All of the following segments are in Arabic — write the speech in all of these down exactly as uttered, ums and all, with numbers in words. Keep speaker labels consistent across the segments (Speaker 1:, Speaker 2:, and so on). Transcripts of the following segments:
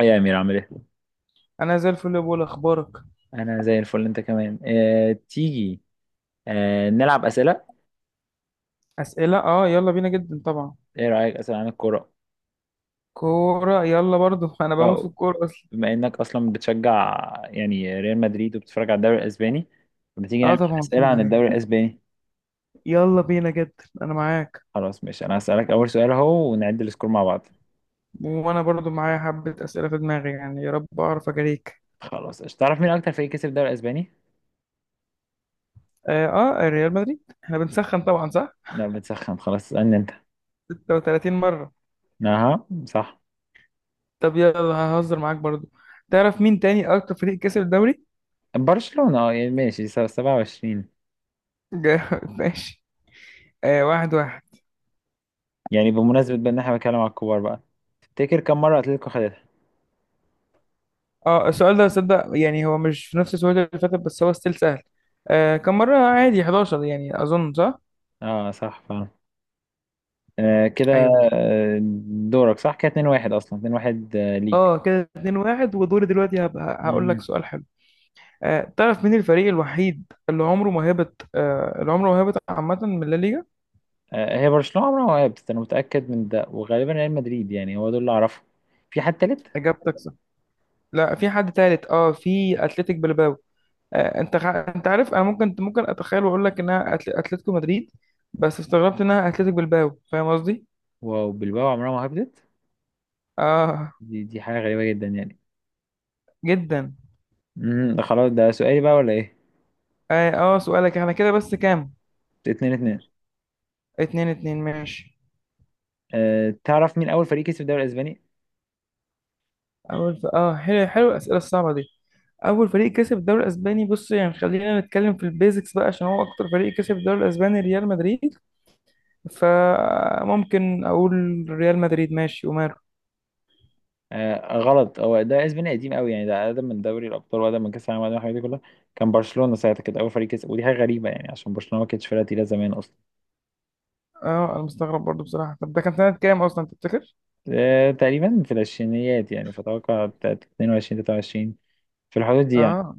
Speaker 1: إيه يا أمير عامل إيه؟
Speaker 2: انا زي الفل يا بول، اخبارك؟
Speaker 1: أنا زي الفل. أنت كمان. آه، تيجي آه، نلعب أسئلة.
Speaker 2: اسئله، اه يلا بينا جدا طبعا.
Speaker 1: إيه رأيك أسئلة عن الكورة؟
Speaker 2: كوره يلا برضو. انا بموت في
Speaker 1: أه.
Speaker 2: الكوره اصلا.
Speaker 1: بما إنك أصلا بتشجع يعني ريال مدريد وبتتفرج على الدوري الأسباني، ما تيجي
Speaker 2: اه
Speaker 1: نعمل
Speaker 2: طبعا
Speaker 1: أسئلة
Speaker 2: اتفرج
Speaker 1: عن
Speaker 2: عليها.
Speaker 1: الدوري الأسباني.
Speaker 2: يلا بينا جدا انا معاك.
Speaker 1: خلاص ماشي، أنا هسألك أول سؤال أهو ونعد السكور مع بعض.
Speaker 2: وانا برضو معايا حبه اسئله في دماغي، يعني يا رب اعرف اجاريك.
Speaker 1: خلاص قشطة. تعرف مين أكتر فريق كسب الدوري الأسباني؟
Speaker 2: اه, آه ريال مدريد، احنا بنسخن طبعا، صح؟
Speaker 1: لا بتسخن، خلاص اسألني أنت.
Speaker 2: ستة وتلاتين مره.
Speaker 1: أها صح.
Speaker 2: طب يلا ههزر معاك برضو. تعرف مين تاني اكتر فريق كسب الدوري؟
Speaker 1: برشلونة أه يعني ماشي، س- سبعة وعشرين.
Speaker 2: جا- ماشي. آه واحد واحد.
Speaker 1: يعني بمناسبة بقى إن إحنا بنتكلم على الكبار بقى، تفتكر كم مرة أتلتيكو خدتها؟
Speaker 2: اه السؤال ده صدق، يعني هو مش في نفس السؤال اللي فاتت، بس هو ستيل سهل. آه كم مرة عادي؟ احداشر يعني، أظن صح؟
Speaker 1: أه صح. آه كده.
Speaker 2: أيوه.
Speaker 1: آه، دورك. صح كده اتنين واحد أصلا. اتنين واحد آه، ليك.
Speaker 2: اه كده اتنين واحد، ودوري دلوقتي هبقى هقول لك
Speaker 1: مم.
Speaker 2: سؤال حلو. آه تعرف مين الفريق الوحيد اللي عمره ما هبط، آه اللي عمره ما هبط عامة من لا ليجا؟
Speaker 1: آه هي برشلونة عمرها ما وقفت، أنا متأكد من ده، وغالبا ريال مدريد يعني. هو دول اللي أعرفهم. في حد تالت؟
Speaker 2: إجابتك صح. لا في حد تالت، اه في أتلتيك بلباو. آه انت خ... انت عارف انا ممكن ممكن اتخيل واقول لك انها أتل... اتلتيكو مدريد، بس استغربت انها أتلتيك بلباو، فاهم قصدي؟
Speaker 1: واو، بلباو عمرها ما هبطت.
Speaker 2: اه
Speaker 1: دي دي حاجة غريبة جدا يعني.
Speaker 2: جدا.
Speaker 1: امم ده خلاص، ده سؤالي بقى ولا إيه؟
Speaker 2: اه آه، سؤالك. احنا كده بس كام؟
Speaker 1: اتنين اتنين.
Speaker 2: اتنين اتنين ماشي.
Speaker 1: آه تعرف مين أول فريق كسب الدوري الأسباني؟
Speaker 2: اول ف... اه حلو حلو الاسئله الصعبه دي. اول فريق كسب الدوري الاسباني، بص يعني خلينا نتكلم في البيزكس بقى، عشان هو اكتر فريق كسب الدوري الاسباني ريال مدريد، فممكن اقول ريال مدريد، ماشي وماله.
Speaker 1: آه غلط. هو ده اسباني قديم قوي يعني. ده اقدم من دوري الابطال واقدم من كاس العالم واقدم من الحاجات دي كلها. كان برشلونه ساعتها كانت اول فريق كسب، ودي حاجه غريبه يعني عشان برشلونه ما كانتش فرقه تقيله زمان اصلا.
Speaker 2: اه انا مستغرب برضو بصراحه. طب ده كان سنه كام اصلا تفتكر؟
Speaker 1: آه، تقريبا في العشرينيات يعني، فأتوقع بتاعت اتنين وعشرين تلاتة وعشرين، في الحدود دي يعني.
Speaker 2: اه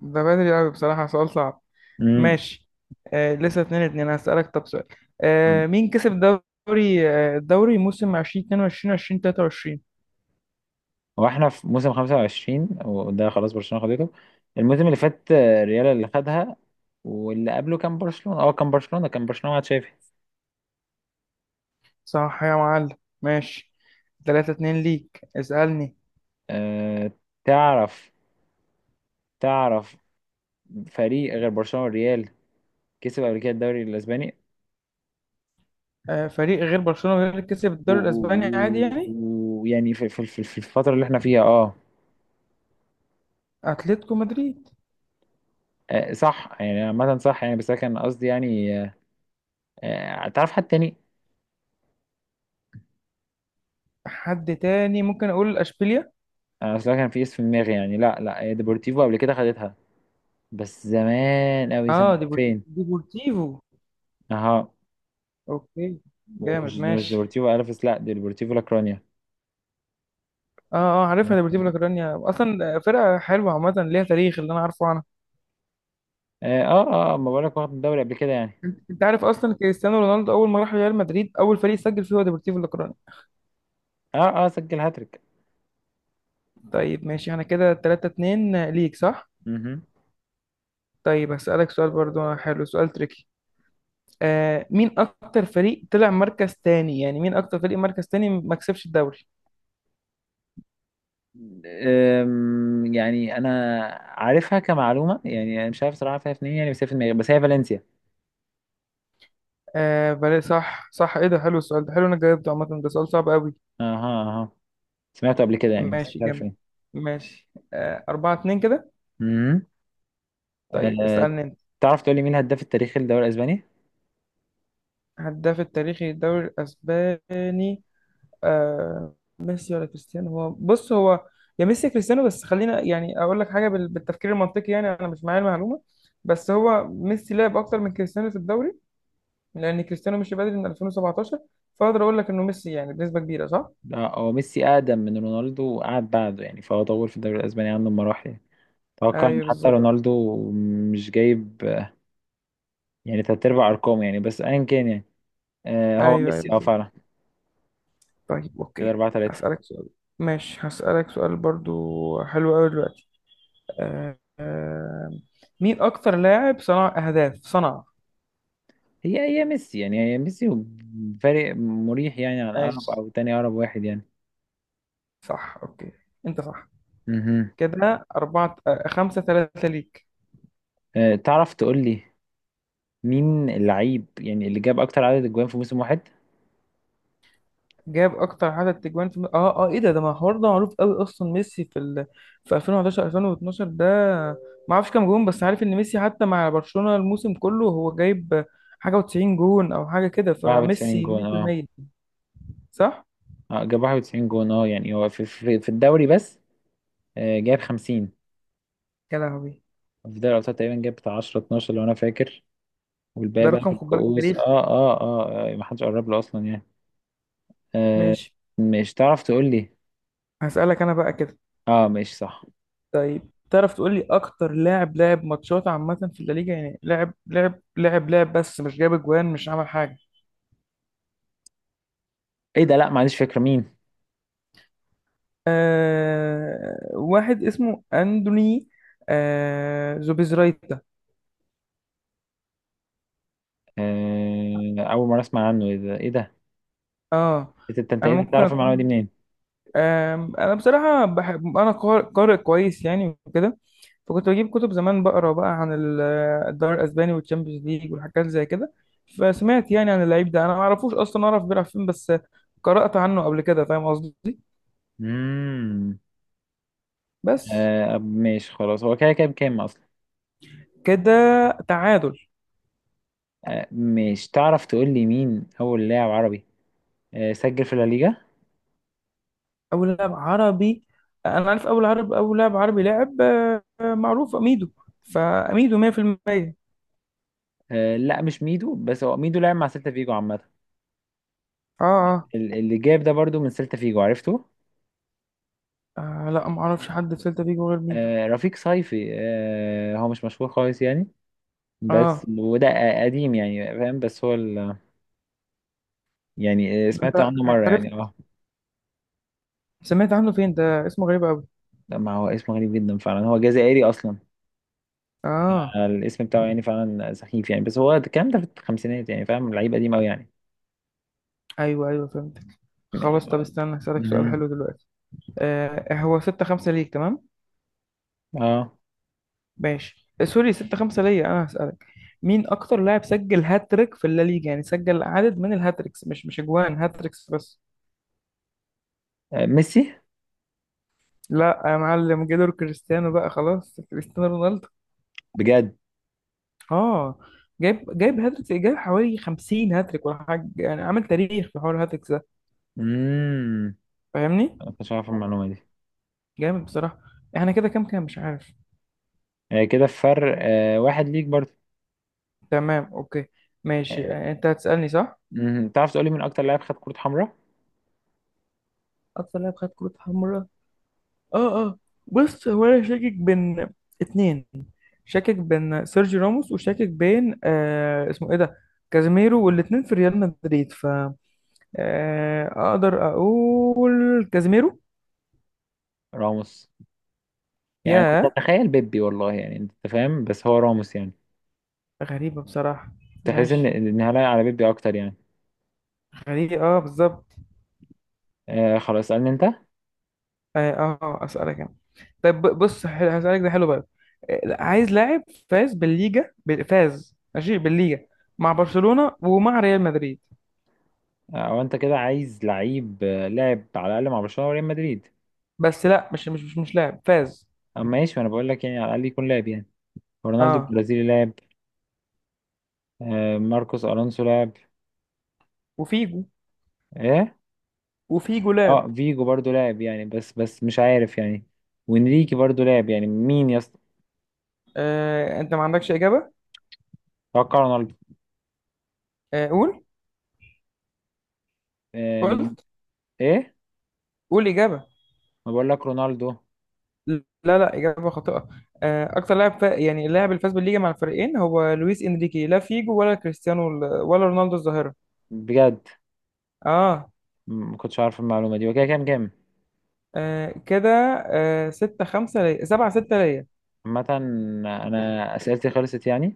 Speaker 2: ده بدري قوي بصراحه، سؤال صعب.
Speaker 1: امم.
Speaker 2: ماشي. آه لسه اتنين اتنين، هسألك طب سؤال. آه مين كسب الدوري آه الدوري موسم ألفين واتنين وعشرين ألفين وتلاته وعشرين؟
Speaker 1: واحنا في موسم خمسة وعشرين وده خلاص برشلونة خدته. الموسم اللي فات آه، ريال اللي خدها. واللي قبله كان برشلونة اه كان برشلونة كان برشلونة مع تشافي.
Speaker 2: صح يا معلم. ماشي تلاتة اتنين ليك، اسألني.
Speaker 1: أه تعرف. تعرف فريق غير برشلونة والريال كسب قبل كده الدوري الأسباني
Speaker 2: آه، فريق غير برشلونة غير اللي كسب
Speaker 1: و-
Speaker 2: الدوري الاسباني عادي
Speaker 1: و-
Speaker 2: يعني.
Speaker 1: و- ويعني في, في, في, في الفترة اللي احنا فيها اه
Speaker 2: اتلتيكو مدريد.
Speaker 1: آه، صح يعني، عامة صح يعني، بس أنا كان قصدي يعني آه، آه، تعرف حد تاني.
Speaker 2: حد تاني ممكن اقول اشبيليا.
Speaker 1: انا اصلا كان في اسم في دماغي يعني، لا لا، هي ديبورتيفو قبل كده خدتها. بس زمان قوي سنة
Speaker 2: اه ديبور-
Speaker 1: ألفين.
Speaker 2: ديبورتيفو.
Speaker 1: اها.
Speaker 2: اوكي
Speaker 1: ومش
Speaker 2: جامد
Speaker 1: مش
Speaker 2: ماشي.
Speaker 1: ديبورتيفو الفيس، لا، دي ديبورتيفو لاكرونيا.
Speaker 2: اه اه عارفها، ديبورتيفو لا كورونيا اصلا فرقة حلوة، عامة ليها تاريخ اللي انا عارفه عنها.
Speaker 1: اه اه، آه، ما بقولك واخد الدوري قبل كده يعني.
Speaker 2: انت أنت عارف اصلا كريستيانو رونالدو اول ما راح ريال مدريد، اول فريق سجل فيه هو ديبورتيفو لا كورونيا.
Speaker 1: اه اه سجل هاتريك.
Speaker 2: طيب ماشي انا كده تلاتة اتنين ليك صح.
Speaker 1: مهم.
Speaker 2: طيب هسألك سؤال برضو حلو، سؤال تريكي. آه مين اكتر فريق طلع مركز تاني يعني، مين اكتر فريق مركز تاني ما كسبش الدوري؟
Speaker 1: أم، يعني انا عارفها كمعلومه يعني، انا مش عارف صراحه فيها فين يعني، بس هي في دماغي. بس هي فالنسيا.
Speaker 2: آه بلا، صح صح، ايه ده، حلو السؤال ده، حلو انا جاوبته عامه، ده سؤال صعب قوي.
Speaker 1: اها اها. سمعته قبل كده يعني، بس مش
Speaker 2: ماشي
Speaker 1: عارف
Speaker 2: جامد.
Speaker 1: فين.
Speaker 2: ماشي آه أربعة اتنين كده.
Speaker 1: مهم.
Speaker 2: طيب
Speaker 1: أه
Speaker 2: اسألني انت.
Speaker 1: تعرف تقول لي مين الهداف التاريخي للدوري الاسباني؟
Speaker 2: هداف التاريخي للدوري الاسباني؟ آه ميسي ولا كريستيانو؟ هو بص هو يا ميسي يا كريستيانو، بس خلينا يعني اقول لك حاجه بال- بالتفكير المنطقي. يعني انا مش معايا المعلومه، بس هو ميسي لعب اكتر من كريستيانو في الدوري، لان كريستيانو مشي بدري من ألفين وسبعة عشر، فاقدر اقول لك انه ميسي يعني بنسبه كبيره، صح؟
Speaker 1: آه، هو ميسي أقدم من رونالدو وقعد بعده يعني، فهو طور في الدوري الأسباني عنه بمراحل يعني. أتوقع إن
Speaker 2: ايوه
Speaker 1: حتى
Speaker 2: بالظبط.
Speaker 1: رونالدو مش جايب آه، يعني تلات أرباع أرقامه يعني، بس أيا كان يعني. آه، هو
Speaker 2: ايوه ايوه
Speaker 1: ميسي أه
Speaker 2: بالظبط.
Speaker 1: فعلا.
Speaker 2: طيب
Speaker 1: كده
Speaker 2: اوكي.
Speaker 1: أربعة تلاتة.
Speaker 2: هسالك سؤال. ماشي هسالك سؤال برضو حلو قوي دلوقتي. آه آه مين اكتر لاعب صنع اهداف صنع؟
Speaker 1: هي هي ميسي يعني، هي ميسي. فرق مريح يعني عن أقرب
Speaker 2: ماشي
Speaker 1: أو تاني أقرب واحد يعني.
Speaker 2: صح اوكي، انت صح.
Speaker 1: مهم.
Speaker 2: كده أربعة آه، خمسة ثلاثة ليك.
Speaker 1: آه، تعرف تقول لي مين اللعيب يعني اللي جاب أكتر عدد أجوان في موسم واحد؟
Speaker 2: جاب اكتر عدد تجوان في اه اه ايه ده، ده ما الحوار ده معروف قوي اصلا، ميسي في ال... في ألفين وحداشر ألفين واتناشر ده. ما اعرفش كام جون، بس عارف ان ميسي حتى مع برشلونة الموسم كله هو جايب حاجه و90 جون او حاجه كده،
Speaker 1: 91
Speaker 2: فميسي
Speaker 1: جون أه
Speaker 2: ميه في الميه صح.
Speaker 1: آه، جاب واحد وتسعين جون أه يعني هو في في في الدوري بس. آه، جاب خمسين
Speaker 2: يا لهوي،
Speaker 1: في دوري الابطال تقريبا. جاب بتاع عشرة اثنا عشر لو انا فاكر،
Speaker 2: ده
Speaker 1: والباقي بقى
Speaker 2: رقم،
Speaker 1: في
Speaker 2: خد بالك
Speaker 1: الكؤوس اه
Speaker 2: تاريخ.
Speaker 1: اه اه, آه ما حدش قرب له اصلا يعني. آه
Speaker 2: ماشي.
Speaker 1: مش تعرف تقول لي.
Speaker 2: هسألك انا بقى كده.
Speaker 1: اه مش صح.
Speaker 2: طيب تعرف تقول لي اكتر لاعب لعب ماتشات عامه في الليجا، يعني لعب لعب لعب لعب بس مش جاب اجوان مش عمل حاجه؟
Speaker 1: ايه ده؟ لا ما عنديش فكره مين.
Speaker 2: آه واحد اسمه أندوني، آه زوبيزرايتا.
Speaker 1: آه اول مره اسمع عنه. ايه ده ايه ده؟
Speaker 2: اه
Speaker 1: إيه ده؟ انت انت
Speaker 2: انا
Speaker 1: إنت
Speaker 2: ممكن
Speaker 1: تعرف المعلومه دي
Speaker 2: اكون،
Speaker 1: منين؟
Speaker 2: آه انا بصراحة بحب، انا قار- قارئ كويس يعني وكده، فكنت بجيب كتب زمان بقرا بقى عن ال- الدوري الاسباني والتشامبيونز ليج والحاجات زي كده، فسمعت يعني عن اللعيب ده، انا ما اعرفوش اصلا اعرف بيلعب فين، بس قرأت عنه قبل كده، فاهم قصدي.
Speaker 1: امم.
Speaker 2: بس
Speaker 1: آه ماشي خلاص، هو كده كده بكام اصلا؟
Speaker 2: كده، تعادل.
Speaker 1: آه مش تعرف تقول لي مين اول لاعب عربي آه سجل في الليجا؟
Speaker 2: اول لاعب عربي، انا عارف اول عرب اول لاعب عربي لعب معروف اميدو، فاميدو ميه في الميه اه.
Speaker 1: آه لا مش ميدو، بس هو ميدو لعب مع سيلتا فيجو عامه.
Speaker 2: اه
Speaker 1: ال- اللي جاب ده برضو من سيلتا فيجو، عرفته.
Speaker 2: آه، لا ما اعرفش حد في سيلتا فيجو غير ميدو.
Speaker 1: آه، رفيق صيفي. آه، هو مش مشهور خالص يعني، بس
Speaker 2: اه
Speaker 1: وده قديم يعني فاهم، بس هو ال... يعني آه،
Speaker 2: ده انت
Speaker 1: سمعت عنه مرة
Speaker 2: عرفت،
Speaker 1: يعني اه
Speaker 2: سمعت عنه فين؟ ده اسمه غريب قوي.
Speaker 1: لا، ما هو اسمه غريب جدا فعلا. هو جزائري اصلا.
Speaker 2: اه
Speaker 1: آه، الاسم بتاعه يعني فعلا سخيف يعني، بس هو الكلام ده في الخمسينات يعني فاهم، لعيب قديم قوي يعني.
Speaker 2: ايوه ايوه فهمتك.
Speaker 1: م-
Speaker 2: خلاص طب استنى هسألك سؤال
Speaker 1: مهم.
Speaker 2: حلو دلوقتي. آه هو ستة خمسة ليك، تمام؟
Speaker 1: اه
Speaker 2: ماشي آه، سوري ستة خمسة ليا انا. هسألك مين اكتر لاعب سجل هاتريك في الليجا، يعني سجل عدد من الهاتريكس، مش مش اجوان، هاتريكس بس.
Speaker 1: آه، ميسي.
Speaker 2: لا يا معلم، جيلور، كريستيانو بقى خلاص، كريستيانو رونالدو.
Speaker 1: بجد.
Speaker 2: اه جايب جايب هاتريكس، جايب حوالي خمسين هاتريك ولا حاجه يعني، عامل تاريخ في حوار الهاتريكس ده.
Speaker 1: امم.
Speaker 2: فاهمني.
Speaker 1: انا كنتش عارف المعلومة دي.
Speaker 2: جامد بصراحه. احنا كده كام كام مش عارف.
Speaker 1: آه، كده في فرق آه، واحد ليك برضه.
Speaker 2: تمام اوكي. ماشي
Speaker 1: آه،
Speaker 2: آه، انت هتسالني صح.
Speaker 1: مهم. تعرف تقولي مين اكتر لاعب خد كرة حمراء؟
Speaker 2: اكتر لاعب خد كروت حمراء؟ اه اه. بص هو انا شاكك بين اتنين، شاكك بين سيرجي راموس، وشاكك بين آه اسمه ايه ده، كازيميرو، والاتنين في ريال مدريد، ف آه اقدر اقول كازيميرو.
Speaker 1: راموس؟ يعني أنا كنت
Speaker 2: يا،
Speaker 1: اتخيل بيبي والله يعني، انت فاهم، بس هو راموس يعني.
Speaker 2: غريبه بصراحه.
Speaker 1: تحس ان
Speaker 2: ماشي.
Speaker 1: ان هلاقي على بيبي اكتر يعني.
Speaker 2: غريب اه بالظبط.
Speaker 1: آه خلاص اسالني انت آه،
Speaker 2: اه آه، اسالك انا. طيب ب- بص حلو، هسالك ده حلو بقى. آه، عايز لاعب فاز بالليجا بال- فاز ماشي بالليجا مع برشلونة ومع ريال مدريد،
Speaker 1: او انت كده عايز لعيب آه، لاعب على الاقل مع برشلونه وريال مدريد.
Speaker 2: بس لا مش مش مش, مش لاعب فاز.
Speaker 1: اما ماشي، انا بقول لك يعني، على الاقل يكون لاعب يعني. رونالدو
Speaker 2: اه
Speaker 1: البرازيلي لاعب. آه ماركوس الونسو لاعب.
Speaker 2: وفيجو.
Speaker 1: ايه.
Speaker 2: وفيجو لاعب.
Speaker 1: اه فيجو برضو لاعب يعني، بس بس مش عارف يعني. وانريكي برضو لاعب يعني. مين يا اسطى؟
Speaker 2: آه انت ما عندكش اجابة؟
Speaker 1: اتوقع رونالدو.
Speaker 2: آه قول.
Speaker 1: آم،
Speaker 2: قلت؟
Speaker 1: ايه.
Speaker 2: قول اجابة.
Speaker 1: ما بقول لك رونالدو.
Speaker 2: لا لا، اجابة خاطئة. آه اكتر لاعب فا... يعني اللاعب اللي فاز بالليجا مع الفريقين هو لويس انريكي، لا فيجو ولا كريستيانو ال- ولا رونالدو الظاهرة.
Speaker 1: بجد.
Speaker 2: اه.
Speaker 1: م- ما كنتش عارف المعلومه دي. وكده كام كام؟
Speaker 2: آه كده. آه ستة خمسة ليا، سبعة ستة ليا.
Speaker 1: عامة، أنا أسئلتي خلصت يعني.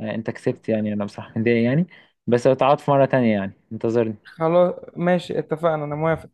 Speaker 1: آه، أنت كسبت يعني، أنا بصراحة متضايق يعني. بس لو تعاد في مرة تانية يعني، انتظرني.
Speaker 2: خلاص ماشي اتفقنا، أنا موافق.